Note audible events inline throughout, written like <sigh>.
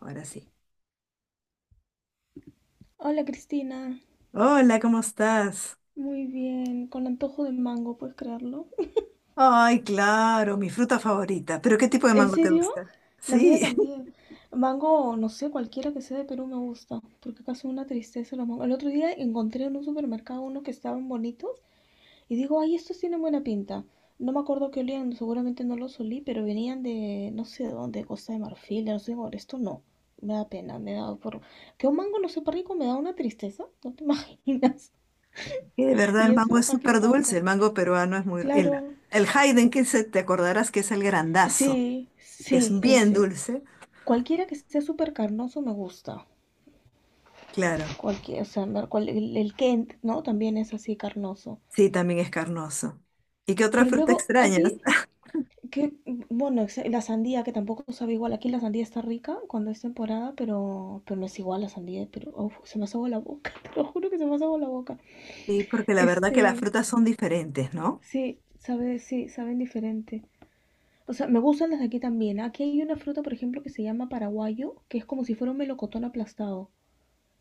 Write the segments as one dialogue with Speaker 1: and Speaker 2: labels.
Speaker 1: Ahora sí.
Speaker 2: Hola, Cristina,
Speaker 1: Hola, ¿cómo estás?
Speaker 2: muy bien, con antojo de mango, ¿puedes creerlo?
Speaker 1: Ay, claro, mi fruta favorita. ¿Pero qué tipo
Speaker 2: <laughs>
Speaker 1: de
Speaker 2: ¿En
Speaker 1: mango te
Speaker 2: serio?
Speaker 1: gusta?
Speaker 2: La mía
Speaker 1: Sí,
Speaker 2: también. Mango, no sé, cualquiera que sea de Perú me gusta, porque acá son una tristeza los mangos. El otro día encontré en un supermercado unos que estaban bonitos y digo, ay, estos tienen buena pinta. No me acuerdo qué olían, seguramente no los olí, pero venían de, no sé de dónde, Costa de Marfil, no sé, por esto no. Me da pena, me da por... Que un mango no sepa rico me da una tristeza, no te <laughs> imaginas.
Speaker 1: <laughs> que de verdad
Speaker 2: Y
Speaker 1: el mango
Speaker 2: eso
Speaker 1: es
Speaker 2: aquí
Speaker 1: súper
Speaker 2: pasa.
Speaker 1: dulce. El mango peruano es muy...
Speaker 2: Claro,
Speaker 1: el Hayden, que se, te acordarás que es el grandazo,
Speaker 2: sí,
Speaker 1: que es
Speaker 2: sí,
Speaker 1: bien
Speaker 2: ese.
Speaker 1: dulce.
Speaker 2: Cualquiera que sea súper carnoso me gusta.
Speaker 1: Claro,
Speaker 2: Cualquier, o sea, el Kent, ¿no? También es así carnoso.
Speaker 1: sí, también es carnoso. ¿Y qué otra
Speaker 2: Pero
Speaker 1: fruta
Speaker 2: luego, a
Speaker 1: extrañas?
Speaker 2: ti,
Speaker 1: <laughs>
Speaker 2: que, bueno, la sandía que tampoco sabe igual. Aquí la sandía está rica cuando es temporada, pero no es igual la sandía. Pero, uf, se me hace agua la boca, <laughs> te lo juro que se me hace agua la boca.
Speaker 1: Sí, porque la verdad que las
Speaker 2: Este,
Speaker 1: frutas son diferentes, ¿no?
Speaker 2: sí, sabe, sí, saben diferente. O sea, me gustan las de aquí también. Aquí hay una fruta, por ejemplo, que se llama paraguayo, que es como si fuera un melocotón aplastado.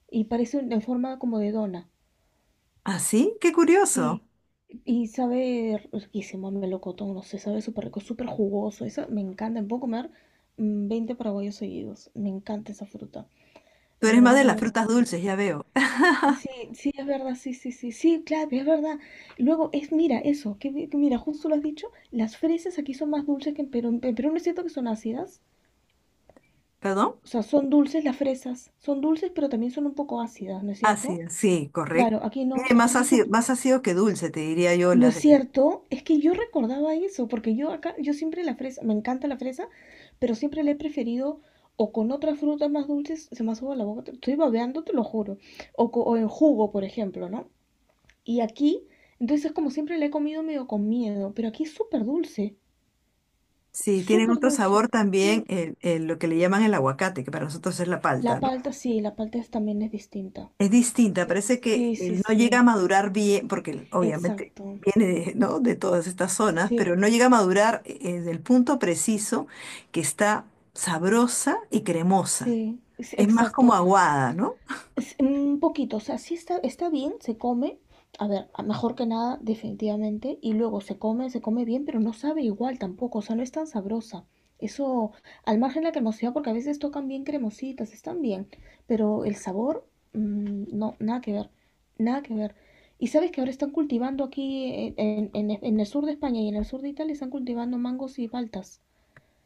Speaker 2: Y parece en forma como de dona.
Speaker 1: ¿Ah, sí? Qué curioso.
Speaker 2: Sí. Y sabe riquísimo, melocotón, no sé, sabe súper rico, súper jugoso. Eso me encanta. Me puedo comer 20 paraguayos seguidos. Me encanta esa fruta.
Speaker 1: Tú
Speaker 2: En
Speaker 1: eres más
Speaker 2: verano
Speaker 1: de
Speaker 2: como
Speaker 1: las
Speaker 2: un
Speaker 1: frutas
Speaker 2: montón.
Speaker 1: dulces, ya veo.
Speaker 2: Sí, sí, es verdad, sí, sí, sí, sí, claro, es verdad. Luego, es, mira, eso, que, que mira, justo lo has dicho, las fresas aquí son más dulces que en Perú. En Perú no es cierto que son ácidas.
Speaker 1: <laughs> ¿Perdón?
Speaker 2: O sea, son dulces las fresas. Son dulces, pero también son un poco ácidas, ¿no es cierto?
Speaker 1: Ácido, sí,
Speaker 2: Claro,
Speaker 1: correcto.
Speaker 2: aquí no,
Speaker 1: Tiene
Speaker 2: aquí son.
Speaker 1: más ácido que dulce, te diría yo,
Speaker 2: ¿No
Speaker 1: las
Speaker 2: es
Speaker 1: de Perú.
Speaker 2: cierto? Es que yo recordaba eso, porque yo acá, yo siempre la fresa, me encanta la fresa, pero siempre la he preferido o con otras frutas más dulces, se me sube la boca, estoy babeando, te lo juro, o, o en jugo, por ejemplo, ¿no? Y aquí, entonces como siempre la he comido medio con miedo, pero aquí es súper dulce,
Speaker 1: Sí, tienen
Speaker 2: súper
Speaker 1: otro
Speaker 2: dulce.
Speaker 1: sabor también,
Speaker 2: Sí.
Speaker 1: lo que le llaman el aguacate, que para nosotros es la palta,
Speaker 2: La
Speaker 1: ¿no?
Speaker 2: palta sí, también es distinta.
Speaker 1: Es distinta,
Speaker 2: Sí,
Speaker 1: parece que
Speaker 2: sí, sí,
Speaker 1: no llega a
Speaker 2: sí,
Speaker 1: madurar bien, porque obviamente
Speaker 2: exacto.
Speaker 1: viene de, ¿no?, de todas estas zonas,
Speaker 2: Sí,
Speaker 1: pero no llega a madurar del punto preciso que está sabrosa y cremosa.
Speaker 2: sí, sí,
Speaker 1: Es más como
Speaker 2: exacto.
Speaker 1: aguada, ¿no?
Speaker 2: Es un poquito, o sea, sí está, está bien, se come. A ver, mejor que nada, definitivamente. Y luego se come bien, pero no sabe igual tampoco, o sea, no es tan sabrosa. Eso, al margen de la cremosidad, porque a veces tocan bien cremositas, están bien, pero el sabor, no, nada que ver, nada que ver. Y sabes que ahora están cultivando aquí en el sur de España y en el sur de Italia, están cultivando mangos y paltas.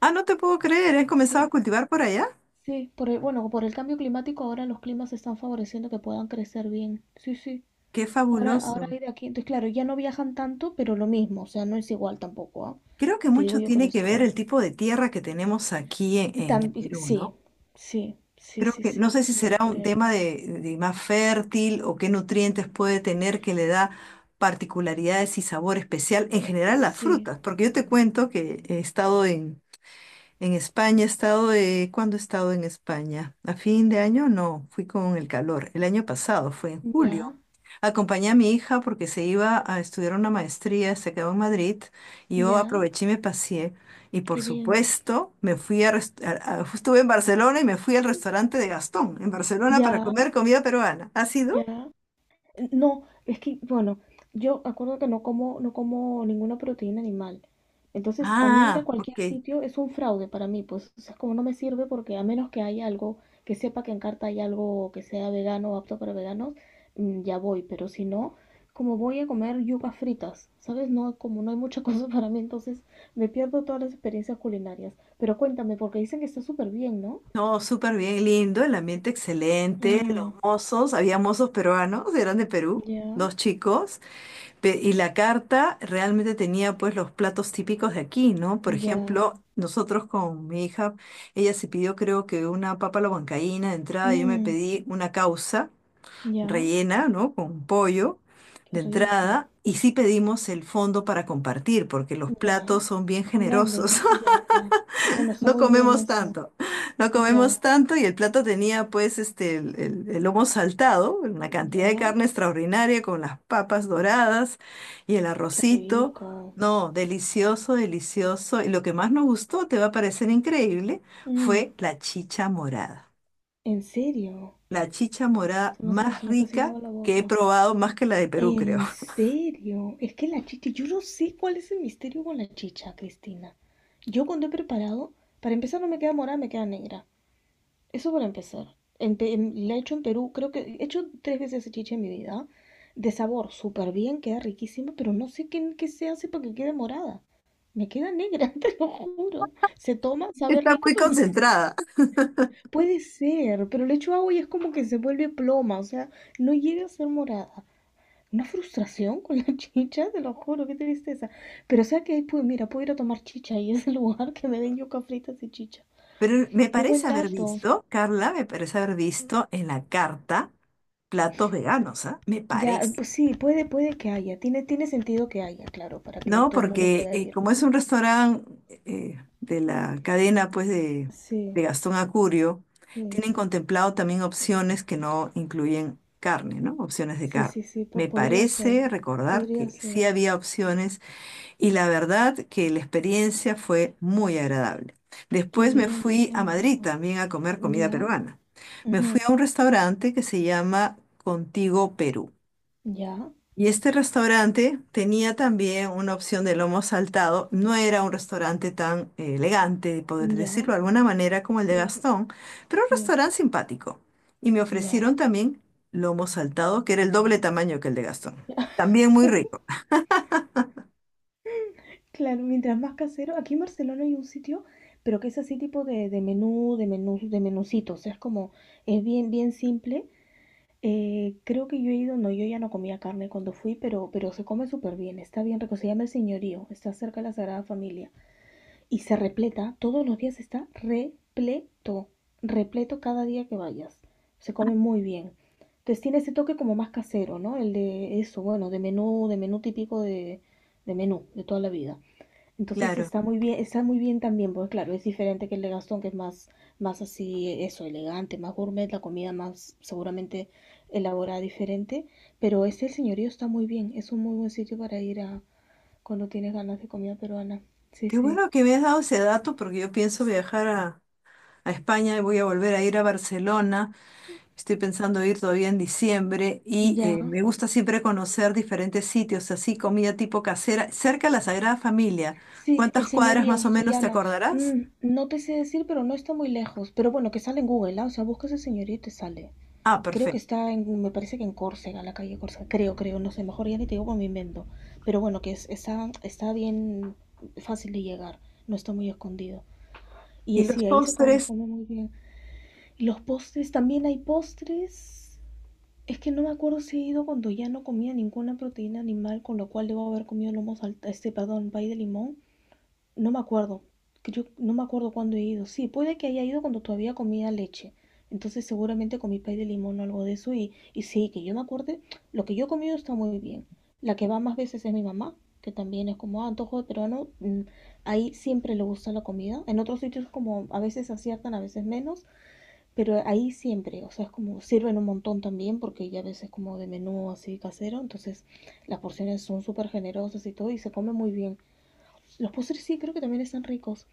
Speaker 1: Ah, no te puedo creer, has comenzado a
Speaker 2: Sí,
Speaker 1: cultivar por allá.
Speaker 2: sí, bueno, por el cambio climático ahora los climas están favoreciendo que puedan crecer bien. Sí, sí.
Speaker 1: Qué
Speaker 2: Ahora, ahora
Speaker 1: fabuloso.
Speaker 2: hay de aquí. Entonces, claro, ya no viajan tanto, pero lo mismo. O sea, no es igual tampoco, ¿ah?
Speaker 1: Creo que
Speaker 2: Te digo
Speaker 1: mucho
Speaker 2: yo que no
Speaker 1: tiene
Speaker 2: es
Speaker 1: que ver el
Speaker 2: igual.
Speaker 1: tipo de tierra que tenemos aquí en el Perú,
Speaker 2: Sí,
Speaker 1: ¿no?
Speaker 2: sí, sí,
Speaker 1: Creo
Speaker 2: sí,
Speaker 1: que, no
Speaker 2: sí,
Speaker 1: sé si
Speaker 2: ya lo
Speaker 1: será un
Speaker 2: creo.
Speaker 1: tema de más fértil o qué nutrientes puede tener que le da particularidades y sabor especial en general las
Speaker 2: Sí,
Speaker 1: frutas, porque yo te cuento que he estado en España, he estado de... ¿Cuándo he estado en España? ¿A fin de año? No, fui con el calor. El año pasado, fue en
Speaker 2: ya,
Speaker 1: julio. Acompañé a mi hija porque se iba a estudiar una maestría, se quedó en Madrid y yo
Speaker 2: ya,
Speaker 1: aproveché y me paseé. Y por
Speaker 2: qué bien.
Speaker 1: supuesto, me fui a, estuve en Barcelona y me fui al restaurante de Gastón en Barcelona para
Speaker 2: Ya,
Speaker 1: comer comida peruana. ¿Ha
Speaker 2: ya.
Speaker 1: sido?
Speaker 2: No, es que, bueno, yo acuerdo que no como, no como ninguna proteína animal. Entonces, a mí ir a
Speaker 1: Ah,
Speaker 2: cualquier
Speaker 1: ok.
Speaker 2: sitio es un fraude para mí, pues, o sea, como no me sirve porque a menos que haya algo, que sepa que en carta hay algo que sea vegano o apto para veganos, mm, ya voy, pero si no, como voy a comer yucas fritas, ¿sabes? No, como no hay mucha cosa <laughs> para mí, entonces me pierdo todas las experiencias culinarias. Pero cuéntame, porque dicen que está súper bien, ¿no?
Speaker 1: No, súper bien, lindo, el ambiente excelente, los
Speaker 2: Mm,
Speaker 1: mozos, había mozos peruanos, eran de Perú,
Speaker 2: ya,
Speaker 1: dos chicos. Y la carta realmente tenía pues los platos típicos de aquí, ¿no? Por
Speaker 2: ya,
Speaker 1: ejemplo, nosotros con mi hija, ella se pidió creo que una papa a la huancaína de entrada, yo me
Speaker 2: mm,
Speaker 1: pedí una causa
Speaker 2: ya,
Speaker 1: rellena, ¿no?, con pollo
Speaker 2: qué
Speaker 1: de
Speaker 2: rico.
Speaker 1: entrada, y sí pedimos el fondo para compartir, porque los
Speaker 2: Ya,
Speaker 1: platos son bien
Speaker 2: son grandes,
Speaker 1: generosos.
Speaker 2: ¿no?
Speaker 1: <laughs>
Speaker 2: Ya, ya. Bueno, está
Speaker 1: No
Speaker 2: muy bien
Speaker 1: comemos
Speaker 2: eso.
Speaker 1: tanto, no
Speaker 2: Ya,
Speaker 1: comemos tanto y el plato tenía pues el lomo saltado, una cantidad de
Speaker 2: ya.
Speaker 1: carne extraordinaria con las papas doradas y el
Speaker 2: Qué
Speaker 1: arrocito.
Speaker 2: rico.
Speaker 1: No, delicioso, delicioso. Y lo que más nos gustó, te va a parecer increíble,
Speaker 2: Mm,
Speaker 1: fue la chicha morada.
Speaker 2: ¿en serio?
Speaker 1: La chicha morada más
Speaker 2: Se me está haciendo
Speaker 1: rica
Speaker 2: agua la
Speaker 1: que he
Speaker 2: boca.
Speaker 1: probado, más que la de Perú, creo.
Speaker 2: ¿En serio? Es que la chicha, yo no sé cuál es el misterio con la chicha, Cristina. Yo cuando he preparado, para empezar no me queda morada, me queda negra. Eso para empezar. La he hecho en Perú, creo que he hecho 3 veces esa chicha en mi vida. De sabor, súper bien, queda riquísima, pero no sé qué, qué se hace para que quede morada. Me queda negra, <laughs> te lo juro. Se toma,
Speaker 1: <laughs>
Speaker 2: sabe
Speaker 1: Está
Speaker 2: rico,
Speaker 1: muy
Speaker 2: pero
Speaker 1: concentrada.
Speaker 2: puede ser, pero le echo agua y es como que se vuelve ploma, o sea, no llega a ser morada. Una frustración con la <laughs> chicha, te lo juro, qué tristeza. Pero o sea que ahí, pues mira, puedo ir a tomar chicha y es el lugar que me den yuca fritas y chicha.
Speaker 1: Pero me
Speaker 2: Qué buen
Speaker 1: parece haber
Speaker 2: dato.
Speaker 1: visto, Carla, me parece haber visto en la carta platos veganos, ¿ah? Me
Speaker 2: Ya,
Speaker 1: parece,
Speaker 2: pues sí, puede, puede que haya. Tiene, tiene sentido que haya, claro, para que
Speaker 1: ¿no?
Speaker 2: todo el mundo
Speaker 1: Porque
Speaker 2: pueda ir.
Speaker 1: como es un restaurante de la cadena, pues, de
Speaker 2: Sí,
Speaker 1: Gastón Acurio,
Speaker 2: sí,
Speaker 1: tienen contemplado también opciones que no incluyen carne, ¿no? Opciones de
Speaker 2: sí,
Speaker 1: carne.
Speaker 2: sí, sí,
Speaker 1: Me
Speaker 2: podría ser,
Speaker 1: parece recordar
Speaker 2: podría
Speaker 1: que sí
Speaker 2: ser.
Speaker 1: había opciones y la verdad que la experiencia fue muy agradable.
Speaker 2: Qué
Speaker 1: Después me
Speaker 2: bien, qué
Speaker 1: fui a
Speaker 2: buen
Speaker 1: Madrid
Speaker 2: dato.
Speaker 1: también a comer comida
Speaker 2: Ya.
Speaker 1: peruana. Me
Speaker 2: Ujú.
Speaker 1: fui a un restaurante que se llama Contigo Perú.
Speaker 2: Ya,
Speaker 1: Y este restaurante tenía también una opción de lomo saltado. No era un restaurante tan elegante, poder
Speaker 2: ya,
Speaker 1: decirlo de alguna manera, como el de
Speaker 2: sí,
Speaker 1: Gastón, pero un
Speaker 2: sí,
Speaker 1: restaurante simpático. Y me
Speaker 2: ya,
Speaker 1: ofrecieron también lomo saltado, que era el doble tamaño que el de Gastón.
Speaker 2: ya.
Speaker 1: También muy
Speaker 2: <laughs>
Speaker 1: rico.
Speaker 2: Claro, mientras más casero. Aquí en Barcelona hay un sitio, pero que es así tipo de, de menucito. O sea, es como, es bien, bien simple. Creo que yo he ido, no, yo ya no comía carne cuando fui, pero se come súper bien, está bien rico. Se llama El Señorío, está cerca de la Sagrada Familia. Y se repleta, todos los días está repleto, repleto cada día que vayas. Se come muy bien. Entonces tiene ese toque como más casero, ¿no? El de eso, bueno, de menú típico de menú, de toda la vida. Entonces
Speaker 1: Claro.
Speaker 2: está muy bien también, porque claro, es diferente que el de Gastón, que es más, más así, eso, elegante, más gourmet, la comida más seguramente elaborada diferente. Pero este el señorío está muy bien, es un muy buen sitio para ir a cuando tienes ganas de comida peruana. Sí,
Speaker 1: Qué
Speaker 2: sí.
Speaker 1: bueno que me has dado ese dato porque yo pienso viajar a España y voy a volver a ir a Barcelona. Estoy pensando ir todavía en diciembre y
Speaker 2: Ya,
Speaker 1: me gusta siempre conocer diferentes sitios, así comida tipo casera, cerca de la Sagrada Familia.
Speaker 2: sí, el
Speaker 1: ¿Cuántas cuadras más
Speaker 2: señorío
Speaker 1: o
Speaker 2: se
Speaker 1: menos te
Speaker 2: llama.
Speaker 1: acordarás?
Speaker 2: Mm, no te sé decir, pero no está muy lejos. Pero bueno, que sale en Google, ¿ah? O sea, buscas el señorío y te sale.
Speaker 1: Ah,
Speaker 2: Creo que
Speaker 1: perfecto.
Speaker 2: está en, me parece que en Córcega, la calle Córcega. Creo, creo, no sé, mejor ya ni te digo por mi invento. Pero bueno, está, está bien fácil de llegar, no está muy escondido. Y
Speaker 1: Y los
Speaker 2: sí, ahí se come, les
Speaker 1: postres,
Speaker 2: come muy bien. Y los postres, también hay postres. Es que no me acuerdo si he ido cuando ya no comía ninguna proteína animal, con lo cual debo haber comido perdón, pay de limón, no me acuerdo. Que yo no me acuerdo cuándo he ido. Sí, puede que haya ido cuando todavía comía leche. Entonces seguramente comí pay de limón o algo de eso. Y sí, que yo me acuerde, lo que yo he comido está muy bien. La que va más veces es mi mamá, que también es como ah, antojo de peruano. Mm, ahí siempre le gusta la comida. En otros sitios como a veces aciertan, a veces menos. Pero ahí siempre, o sea, es como sirven un montón también porque ya a veces como de menú así casero. Entonces las porciones son súper generosas y todo y se come muy bien. Los postres sí creo que también están ricos.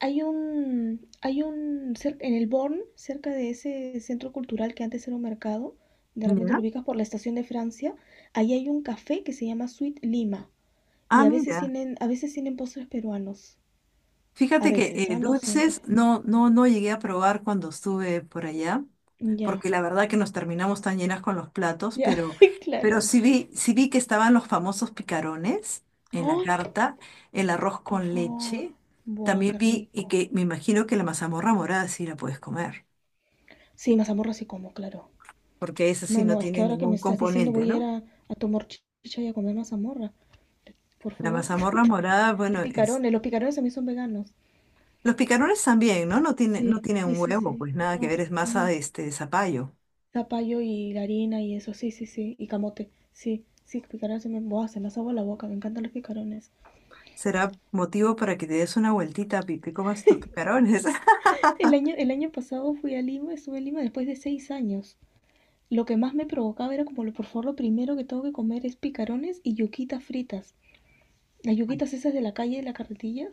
Speaker 2: Hay un, hay un, en el Born, cerca de ese centro cultural que antes era un mercado, de repente lo
Speaker 1: ¿ya?
Speaker 2: ubicas por la estación de Francia, ahí hay un café que se llama Sweet Lima y
Speaker 1: Ah, mira.
Speaker 2: a veces tienen postres peruanos, a
Speaker 1: Fíjate que
Speaker 2: veces, ah, no siempre.
Speaker 1: dulces no, no, no llegué a probar cuando estuve por allá,
Speaker 2: Ya,
Speaker 1: porque la verdad que nos terminamos tan llenas con los platos,
Speaker 2: ya, <laughs>
Speaker 1: pero
Speaker 2: claro.
Speaker 1: sí vi que estaban los famosos picarones en la
Speaker 2: Ay,
Speaker 1: carta, el arroz
Speaker 2: por
Speaker 1: con
Speaker 2: favor.
Speaker 1: leche.
Speaker 2: Buah,
Speaker 1: También
Speaker 2: qué
Speaker 1: vi y
Speaker 2: rico.
Speaker 1: que me imagino que la mazamorra morada sí la puedes comer,
Speaker 2: Sí, mazamorra sí como, claro.
Speaker 1: porque esa sí
Speaker 2: No,
Speaker 1: no
Speaker 2: no, es que
Speaker 1: tiene
Speaker 2: ahora que me
Speaker 1: ningún
Speaker 2: estás diciendo
Speaker 1: componente,
Speaker 2: voy a ir
Speaker 1: ¿no?
Speaker 2: a tomar chicha y a comer mazamorra. Por
Speaker 1: La
Speaker 2: favor.
Speaker 1: mazamorra morada,
Speaker 2: Y
Speaker 1: bueno, es...
Speaker 2: picarones, los picarones también son veganos.
Speaker 1: Los picarones también, ¿no? No tiene, no
Speaker 2: Sí,
Speaker 1: tienen
Speaker 2: sí,
Speaker 1: un
Speaker 2: sí,
Speaker 1: huevo,
Speaker 2: sí.
Speaker 1: pues nada que
Speaker 2: No,
Speaker 1: ver, es masa
Speaker 2: no.
Speaker 1: de este de zapallo.
Speaker 2: Zapallo y la harina y eso, sí, sí, sí. Y camote, sí, sí, picarones se me, buah, se me hace agua la boca, me encantan los picarones.
Speaker 1: Será motivo para que te des una vueltita, Pi, te comas estos picarones. <laughs>
Speaker 2: El año pasado fui a Lima, estuve en Lima después de 6 años. Lo que más me provocaba era como, por favor, lo primero que tengo que comer es picarones y yuquitas fritas. Las yuquitas esas de la calle, de la carretilla,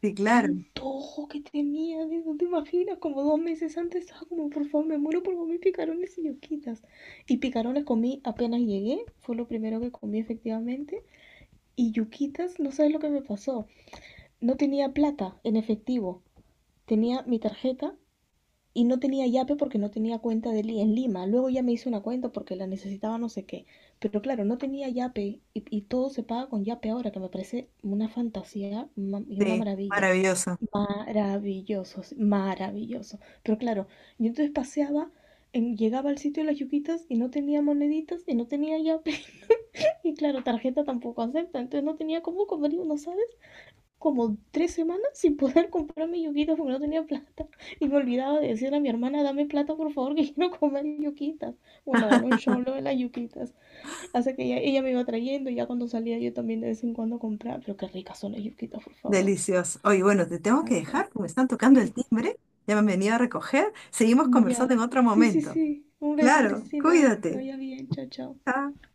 Speaker 1: Sí,
Speaker 2: qué
Speaker 1: claro.
Speaker 2: antojo que tenía, no te imaginas, como 2 meses antes estaba como, por favor, me muero por comer picarones y yuquitas. Y picarones comí apenas llegué, fue lo primero que comí efectivamente. Y yuquitas, no sabes lo que me pasó, no tenía plata en efectivo, tenía mi tarjeta y no tenía Yape porque no tenía cuenta de Li en Lima. Luego ya me hice una cuenta porque la necesitaba no sé qué. Pero claro, no tenía Yape y todo se paga con Yape ahora, que me parece una fantasía y una
Speaker 1: Sí,
Speaker 2: maravilla.
Speaker 1: maravilloso,
Speaker 2: Maravilloso, sí, maravilloso. Pero claro, yo entonces paseaba, llegaba al sitio de las yuquitas y no tenía moneditas y no tenía Yape. <laughs> Y claro, tarjeta tampoco acepta, entonces no tenía cómo comer uno, ¿sabes? Como 3 semanas sin poder comprarme yuquitas porque no tenía plata. Y me olvidaba de decirle a mi hermana, dame plata por favor que <laughs> quiero comer yuquitas. Bueno, bueno, yo lo de las yuquitas. Así que ella me iba trayendo y ya cuando salía yo también de vez en cuando compraba. Pero qué ricas son las yuquitas, por favor.
Speaker 1: delicioso. Oye, bueno, te tengo
Speaker 2: Me
Speaker 1: que
Speaker 2: encantan.
Speaker 1: dejar porque me están
Speaker 2: Sí,
Speaker 1: tocando el timbre, ya me han venido a recoger. Seguimos conversando
Speaker 2: ya.
Speaker 1: en otro
Speaker 2: Sí, sí,
Speaker 1: momento.
Speaker 2: sí. Un beso,
Speaker 1: Claro,
Speaker 2: Cristina. Que
Speaker 1: cuídate.
Speaker 2: vaya bien. Chao, chao.
Speaker 1: Chao.